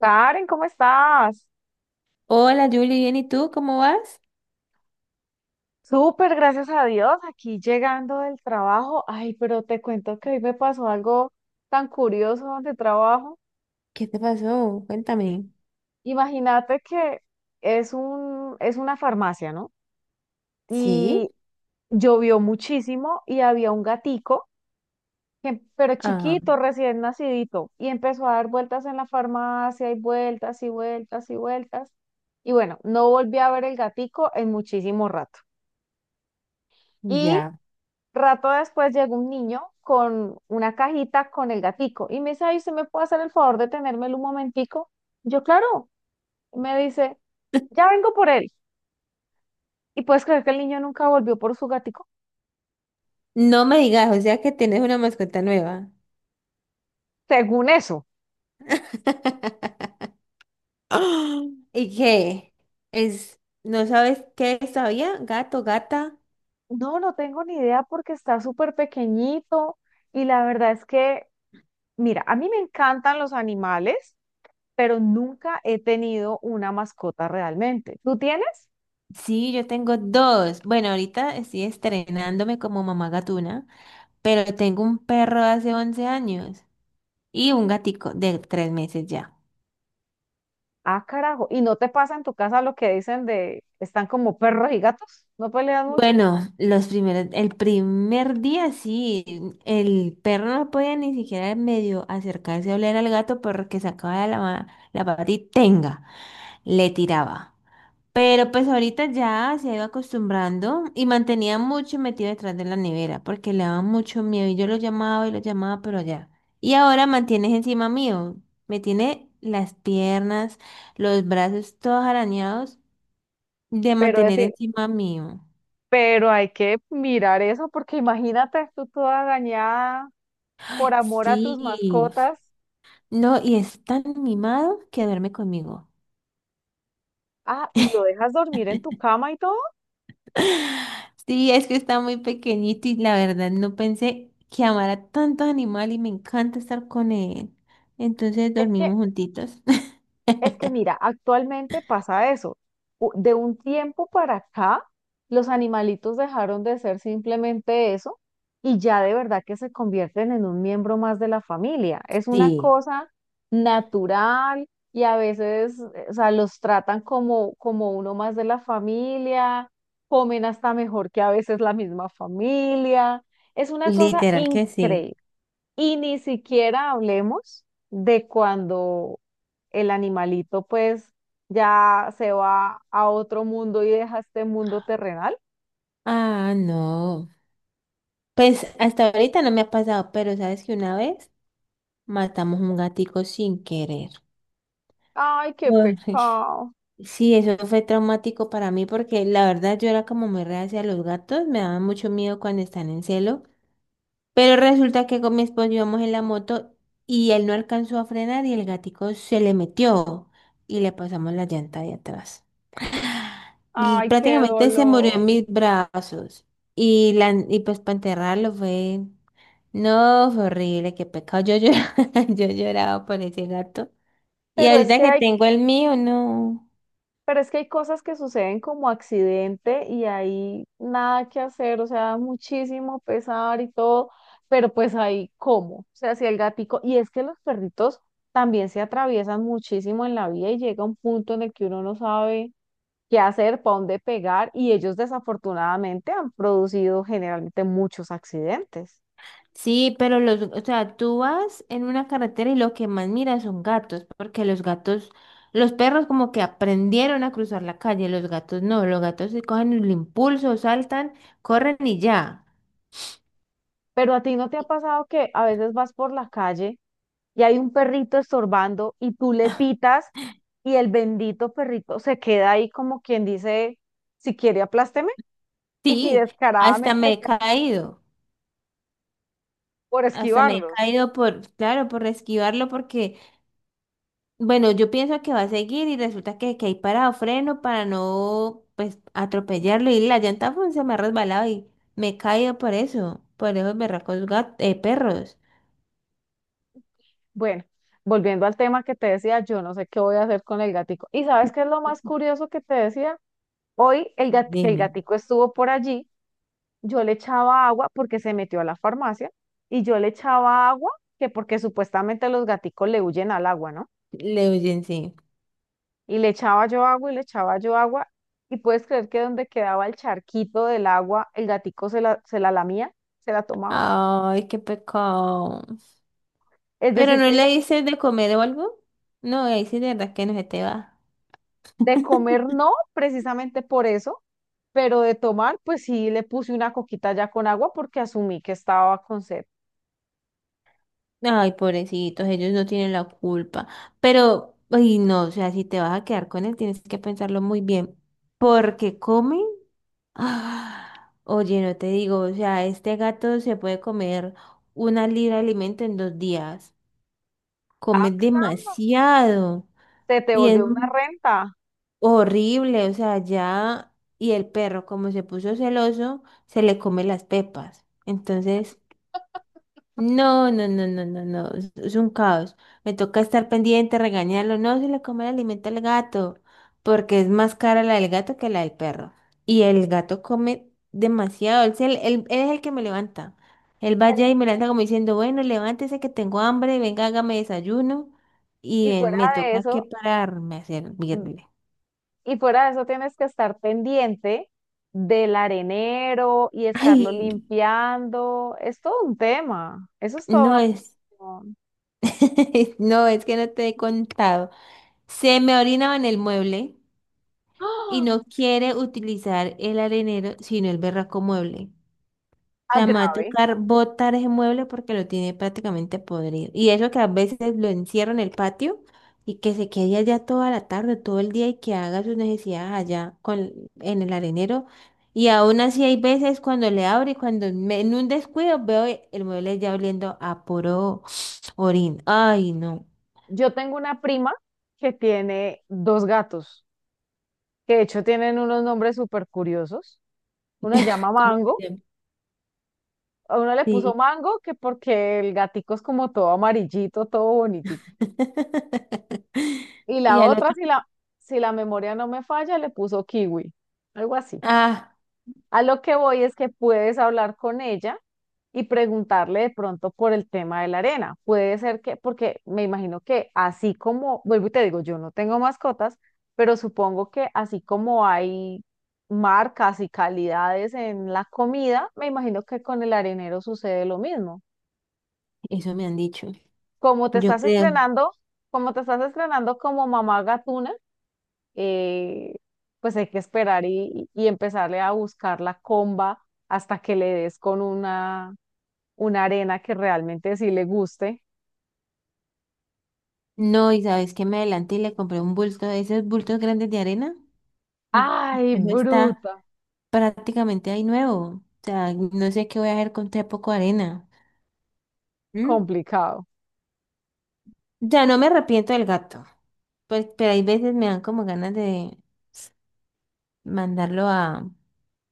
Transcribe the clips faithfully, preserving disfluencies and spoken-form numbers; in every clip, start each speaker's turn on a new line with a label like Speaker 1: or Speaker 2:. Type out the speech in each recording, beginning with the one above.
Speaker 1: Karen, ¿cómo estás?
Speaker 2: Hola, Julie, bien, ¿y tú cómo vas?
Speaker 1: Súper, gracias a Dios, aquí llegando del trabajo. Ay, pero te cuento que hoy me pasó algo tan curioso donde trabajo.
Speaker 2: ¿Qué te pasó? Cuéntame.
Speaker 1: Imagínate que es un, es una farmacia, ¿no?
Speaker 2: ¿Sí?
Speaker 1: Y llovió muchísimo y había un gatico, que- pero
Speaker 2: Ah.
Speaker 1: chiquito, recién nacidito, y empezó a dar vueltas en la farmacia y vueltas y vueltas y vueltas. Y bueno, no volví a ver el gatico en muchísimo rato.
Speaker 2: Ya.
Speaker 1: Rato después llegó un niño con una cajita con el gatico y me dice, ay, ¿usted me puede hacer el favor de tenérmelo un momentico? Yo, claro, me dice, ya vengo por él. Y puedes creer que el niño nunca volvió por su gatico,
Speaker 2: No me digas, o sea que tienes una mascota nueva.
Speaker 1: según eso.
Speaker 2: ¡Ah! ¿Y qué? Es, ¿No sabes qué es todavía? Gato, gata.
Speaker 1: No, no tengo ni idea porque está súper pequeñito y la verdad es que, mira, a mí me encantan los animales, pero nunca he tenido una mascota realmente. ¿Tú tienes?
Speaker 2: Sí, yo tengo dos. Bueno, ahorita estoy estrenándome como mamá gatuna, pero tengo un perro de hace once años y un gatico de tres meses ya.
Speaker 1: Ah, carajo. ¿Y no te pasa en tu casa lo que dicen de están como perros y gatos? No pelean mucho,
Speaker 2: Bueno, los primeros, el primer día sí, el perro no podía ni siquiera medio acercarse a oler al gato porque sacaba la, ma- la pata y tenga, le tiraba. Pero pues ahorita ya se ha ido acostumbrando y mantenía mucho metido detrás de la nevera porque le daba mucho miedo y yo lo llamaba y lo llamaba, pero ya. Y ahora mantienes encima mío, me tiene las piernas, los brazos todos arañados de
Speaker 1: pero en
Speaker 2: mantener
Speaker 1: fin,
Speaker 2: encima mío.
Speaker 1: pero hay que mirar eso porque imagínate tú toda dañada por amor a tus
Speaker 2: Sí.
Speaker 1: mascotas.
Speaker 2: No, y es tan mimado que duerme conmigo.
Speaker 1: Ah, y lo dejas dormir en tu cama y todo.
Speaker 2: Sí, es que está muy pequeñito y la verdad no pensé que amara tanto animal y me encanta estar con él. Entonces
Speaker 1: Es que
Speaker 2: dormimos juntitos.
Speaker 1: Es que mira, actualmente pasa eso. U- De un tiempo para acá, los animalitos dejaron de ser simplemente eso y ya de verdad que se convierten en un miembro más de la familia. Es una
Speaker 2: Sí,
Speaker 1: cosa natural y a veces, eh, o sea, los tratan como, como uno más de la familia, comen hasta mejor que a veces la misma familia. Es una cosa
Speaker 2: literal que sí.
Speaker 1: increíble. Y ni siquiera hablemos de cuando el animalito pues ya se va a otro mundo y deja este mundo terrenal.
Speaker 2: Ah, no. Pues hasta ahorita no me ha pasado, pero sabes que una vez matamos un gatico sin querer.
Speaker 1: Ay, qué
Speaker 2: Ay,
Speaker 1: pecado.
Speaker 2: sí, eso fue traumático para mí porque la verdad yo era como muy reacia a los gatos, me daba mucho miedo cuando están en celo. Pero resulta que con mi esposo íbamos en la moto y él no alcanzó a frenar y el gatico se le metió y le pasamos la llanta de atrás. Y
Speaker 1: Ay, qué
Speaker 2: prácticamente se murió
Speaker 1: dolor.
Speaker 2: en mis brazos. Y, la, y pues para enterrarlo fue... No, fue horrible, qué pecado. Yo lloraba, yo lloraba por ese gato. Y
Speaker 1: Pero es
Speaker 2: ahorita
Speaker 1: que
Speaker 2: que
Speaker 1: hay,
Speaker 2: tengo el mío, no.
Speaker 1: pero es que hay cosas que suceden como accidente y hay nada que hacer, o sea, muchísimo pesar y todo, pero pues ahí cómo. O sea, si el gatico, y es que los perritos también se atraviesan muchísimo en la vida y llega un punto en el que uno no sabe qué hacer, para dónde pegar, y ellos desafortunadamente han producido generalmente muchos accidentes.
Speaker 2: Sí, pero los, o sea, tú vas en una carretera y lo que más miras son gatos, porque los gatos, los perros como que aprendieron a cruzar la calle, los gatos no, los gatos se cogen el impulso, saltan, corren y ya.
Speaker 1: Pero a ti no te ha
Speaker 2: Y-
Speaker 1: pasado que a veces vas por la calle y hay un perrito estorbando y tú le pitas y el bendito perrito se queda ahí como quien dice, si quiere aplásteme, y
Speaker 2: Sí, hasta
Speaker 1: descaradamente
Speaker 2: me
Speaker 1: hay
Speaker 2: he
Speaker 1: que-
Speaker 2: caído,
Speaker 1: por
Speaker 2: hasta me he
Speaker 1: esquivarlos.
Speaker 2: caído por, claro, por esquivarlo, porque bueno, yo pienso que va a seguir y resulta que, que hay parado freno para no pues atropellarlo y la llanta pues, se me ha resbalado y me he caído por eso, por esos berracos gat- eh, perros.
Speaker 1: Bueno, volviendo al tema que te decía, yo no sé qué voy a hacer con el gatico. ¿Y sabes qué es lo más curioso que te decía? Hoy el gat- que el
Speaker 2: Dime,
Speaker 1: gatico estuvo por allí, yo le echaba agua porque se metió a la farmacia y yo le echaba agua que porque supuestamente los gaticos le huyen al agua, ¿no?
Speaker 2: le oyen sí.
Speaker 1: Y le echaba yo agua y le echaba yo agua y puedes creer que donde quedaba el charquito del agua, el gatico se la, se la lamía, se la tomaba.
Speaker 2: Ay, qué pecado.
Speaker 1: Es
Speaker 2: Pero
Speaker 1: decir,
Speaker 2: no
Speaker 1: que el
Speaker 2: le
Speaker 1: ga-
Speaker 2: dices de comer o algo. No, ahí sí de verdad que no se te va.
Speaker 1: de comer no, precisamente por eso, pero de tomar, pues sí le puse una coquita ya con agua porque asumí que estaba con sed.
Speaker 2: Ay, pobrecitos, ellos no tienen la culpa. Pero, ay, no, o sea, si te vas a quedar con él, tienes que pensarlo muy bien. ¿Porque come? Ah, oye, no te digo, o sea, este gato se puede comer una libra de alimento en dos días. Come
Speaker 1: Ah, caramba,
Speaker 2: demasiado
Speaker 1: se te
Speaker 2: y es
Speaker 1: volvió una renta.
Speaker 2: horrible, o sea, ya. Y el perro, como se puso celoso, se le come las pepas. Entonces, no, no, no, no, no, no, es es un caos. Me toca estar pendiente, regañarlo. No se le come el alimento al gato, porque es más cara la del gato que la del perro. Y el gato come demasiado. Él, se- él- él es el que me levanta. Él va allá y me levanta como diciendo, bueno, levántese que tengo hambre, venga, hágame desayuno. Y
Speaker 1: Y
Speaker 2: eh,
Speaker 1: fuera
Speaker 2: me
Speaker 1: de
Speaker 2: toca que
Speaker 1: eso,
Speaker 2: pararme a servirle.
Speaker 1: Y fuera de eso tienes que estar pendiente del arenero y estarlo
Speaker 2: Ay,
Speaker 1: limpiando. Es todo un tema. Eso es todo
Speaker 2: no
Speaker 1: una
Speaker 2: es,
Speaker 1: cuestión.
Speaker 2: no es que no te he contado. Se me orinaba en el mueble, y
Speaker 1: ¡Ah!
Speaker 2: no quiere utilizar el arenero, sino el berraco mueble. O
Speaker 1: Ah,
Speaker 2: sea, me va a
Speaker 1: grave.
Speaker 2: tocar botar ese mueble porque lo tiene prácticamente podrido. Y eso que a veces lo encierro en el patio y que se quede allá toda la tarde, todo el día y que haga sus necesidades allá con, en el arenero. Y aún así hay veces cuando le abro y cuando me- en un descuido veo e- el mueble ya oliendo a puro orín. Ay, no.
Speaker 1: Yo tengo una prima que tiene dos gatos, que de hecho tienen unos nombres súper curiosos. Uno se llama
Speaker 2: ¿Cómo
Speaker 1: Mango.
Speaker 2: se llama?
Speaker 1: A uno le puso
Speaker 2: Sí.
Speaker 1: Mango que porque el gatico es como todo amarillito, todo bonitito. Y
Speaker 2: ¿Y
Speaker 1: la
Speaker 2: al
Speaker 1: otra,
Speaker 2: otro?
Speaker 1: si la, si la memoria no me falla, le puso Kiwi. Algo así.
Speaker 2: Ah.
Speaker 1: A lo que voy es que puedes hablar con ella y preguntarle de pronto por el tema de la arena. Puede ser que, porque me imagino que así como, vuelvo y te digo, yo no tengo mascotas, pero supongo que así como hay marcas y calidades en la comida, me imagino que con el arenero sucede lo mismo.
Speaker 2: Eso me han dicho.
Speaker 1: Como te
Speaker 2: Yo
Speaker 1: estás
Speaker 2: creo.
Speaker 1: estrenando, como te estás estrenando como mamá gatuna, eh, pues hay que esperar y, y empezarle a buscar la comba hasta que le des con una, una arena que realmente sí le guste.
Speaker 2: No, y sabes que me adelanté y le compré un bulto de esos bultos grandes de arena y
Speaker 1: Ay,
Speaker 2: eso está
Speaker 1: bruta,
Speaker 2: prácticamente ahí nuevo. O sea, no sé qué voy a hacer con tan poco arena. ¿Mm?
Speaker 1: complicado.
Speaker 2: Ya no me arrepiento del gato, pues, pero hay veces me dan como ganas de mandarlo a,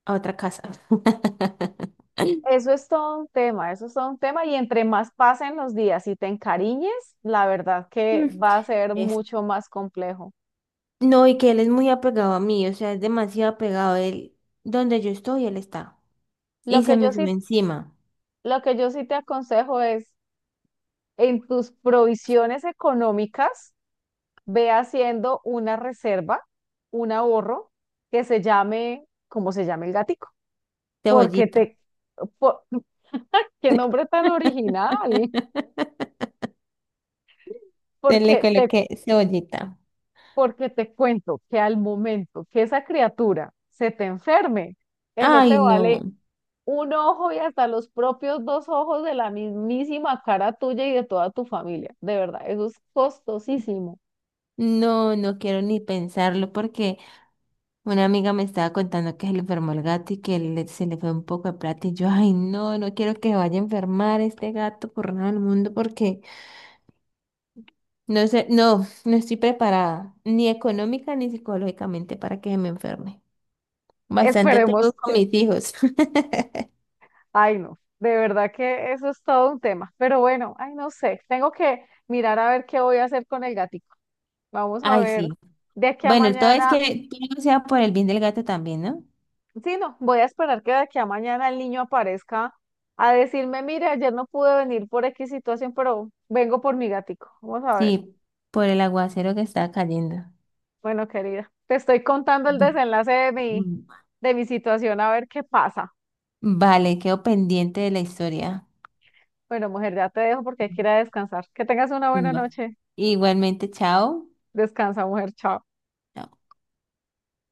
Speaker 2: a otra casa.
Speaker 1: Eso es todo un tema, eso es todo un tema y entre más pasen los días y te encariñes, la verdad que
Speaker 2: Mm.
Speaker 1: va a ser
Speaker 2: Es,
Speaker 1: mucho más complejo.
Speaker 2: no, y que él es muy apegado a mí, o sea, es demasiado apegado. Él, donde yo estoy, él está. Y
Speaker 1: Lo
Speaker 2: se
Speaker 1: que yo
Speaker 2: me sube
Speaker 1: sí,
Speaker 2: encima.
Speaker 1: lo que yo sí te aconsejo es en tus provisiones económicas, ve haciendo una reserva, un ahorro que se llame, como se llame el gatico, porque
Speaker 2: Cebollita.
Speaker 1: te, por- qué nombre tan original,
Speaker 2: Se le
Speaker 1: porque te,
Speaker 2: coloqué cebollita.
Speaker 1: porque te cuento que al momento que esa criatura se te enferme, eso te
Speaker 2: Ay,
Speaker 1: vale
Speaker 2: no.
Speaker 1: un ojo y hasta los propios dos ojos de la mismísima cara tuya y de toda tu familia. De verdad, eso es costosísimo.
Speaker 2: No, no quiero ni pensarlo porque una amiga me estaba contando que se le enfermó el gato y que le- se le fue un poco de plata y yo, ay, no, no quiero que vaya a enfermar este gato por nada del mundo porque no sé, no, no estoy preparada ni económica ni psicológicamente para que se me enferme. Bastante tengo
Speaker 1: Esperemos
Speaker 2: con
Speaker 1: que,
Speaker 2: mis hijos.
Speaker 1: ay, no, de verdad que eso es todo un tema, pero bueno, ay, no sé, tengo que mirar a ver qué voy a hacer con el gatico. Vamos a
Speaker 2: Ay,
Speaker 1: ver
Speaker 2: sí.
Speaker 1: de aquí a
Speaker 2: Bueno, el todo es
Speaker 1: mañana,
Speaker 2: que todo sea por el bien del gato también, ¿no?
Speaker 1: sí, no, voy a esperar que de aquí a mañana el niño aparezca a decirme, mire, ayer no pude venir por equis situación, pero vengo por mi gatico. Vamos a ver.
Speaker 2: Sí, por el aguacero que está cayendo.
Speaker 1: Bueno, querida, te estoy contando el
Speaker 2: Bu-
Speaker 1: desenlace de mi,
Speaker 2: mm.
Speaker 1: de mi situación, a ver qué pasa.
Speaker 2: Vale, quedo pendiente de la historia.
Speaker 1: Bueno, mujer, ya te dejo porque hay que ir a descansar. Que tengas una
Speaker 2: Mm,
Speaker 1: buena
Speaker 2: va.
Speaker 1: noche.
Speaker 2: Igualmente, chao.
Speaker 1: Descansa, mujer, chao.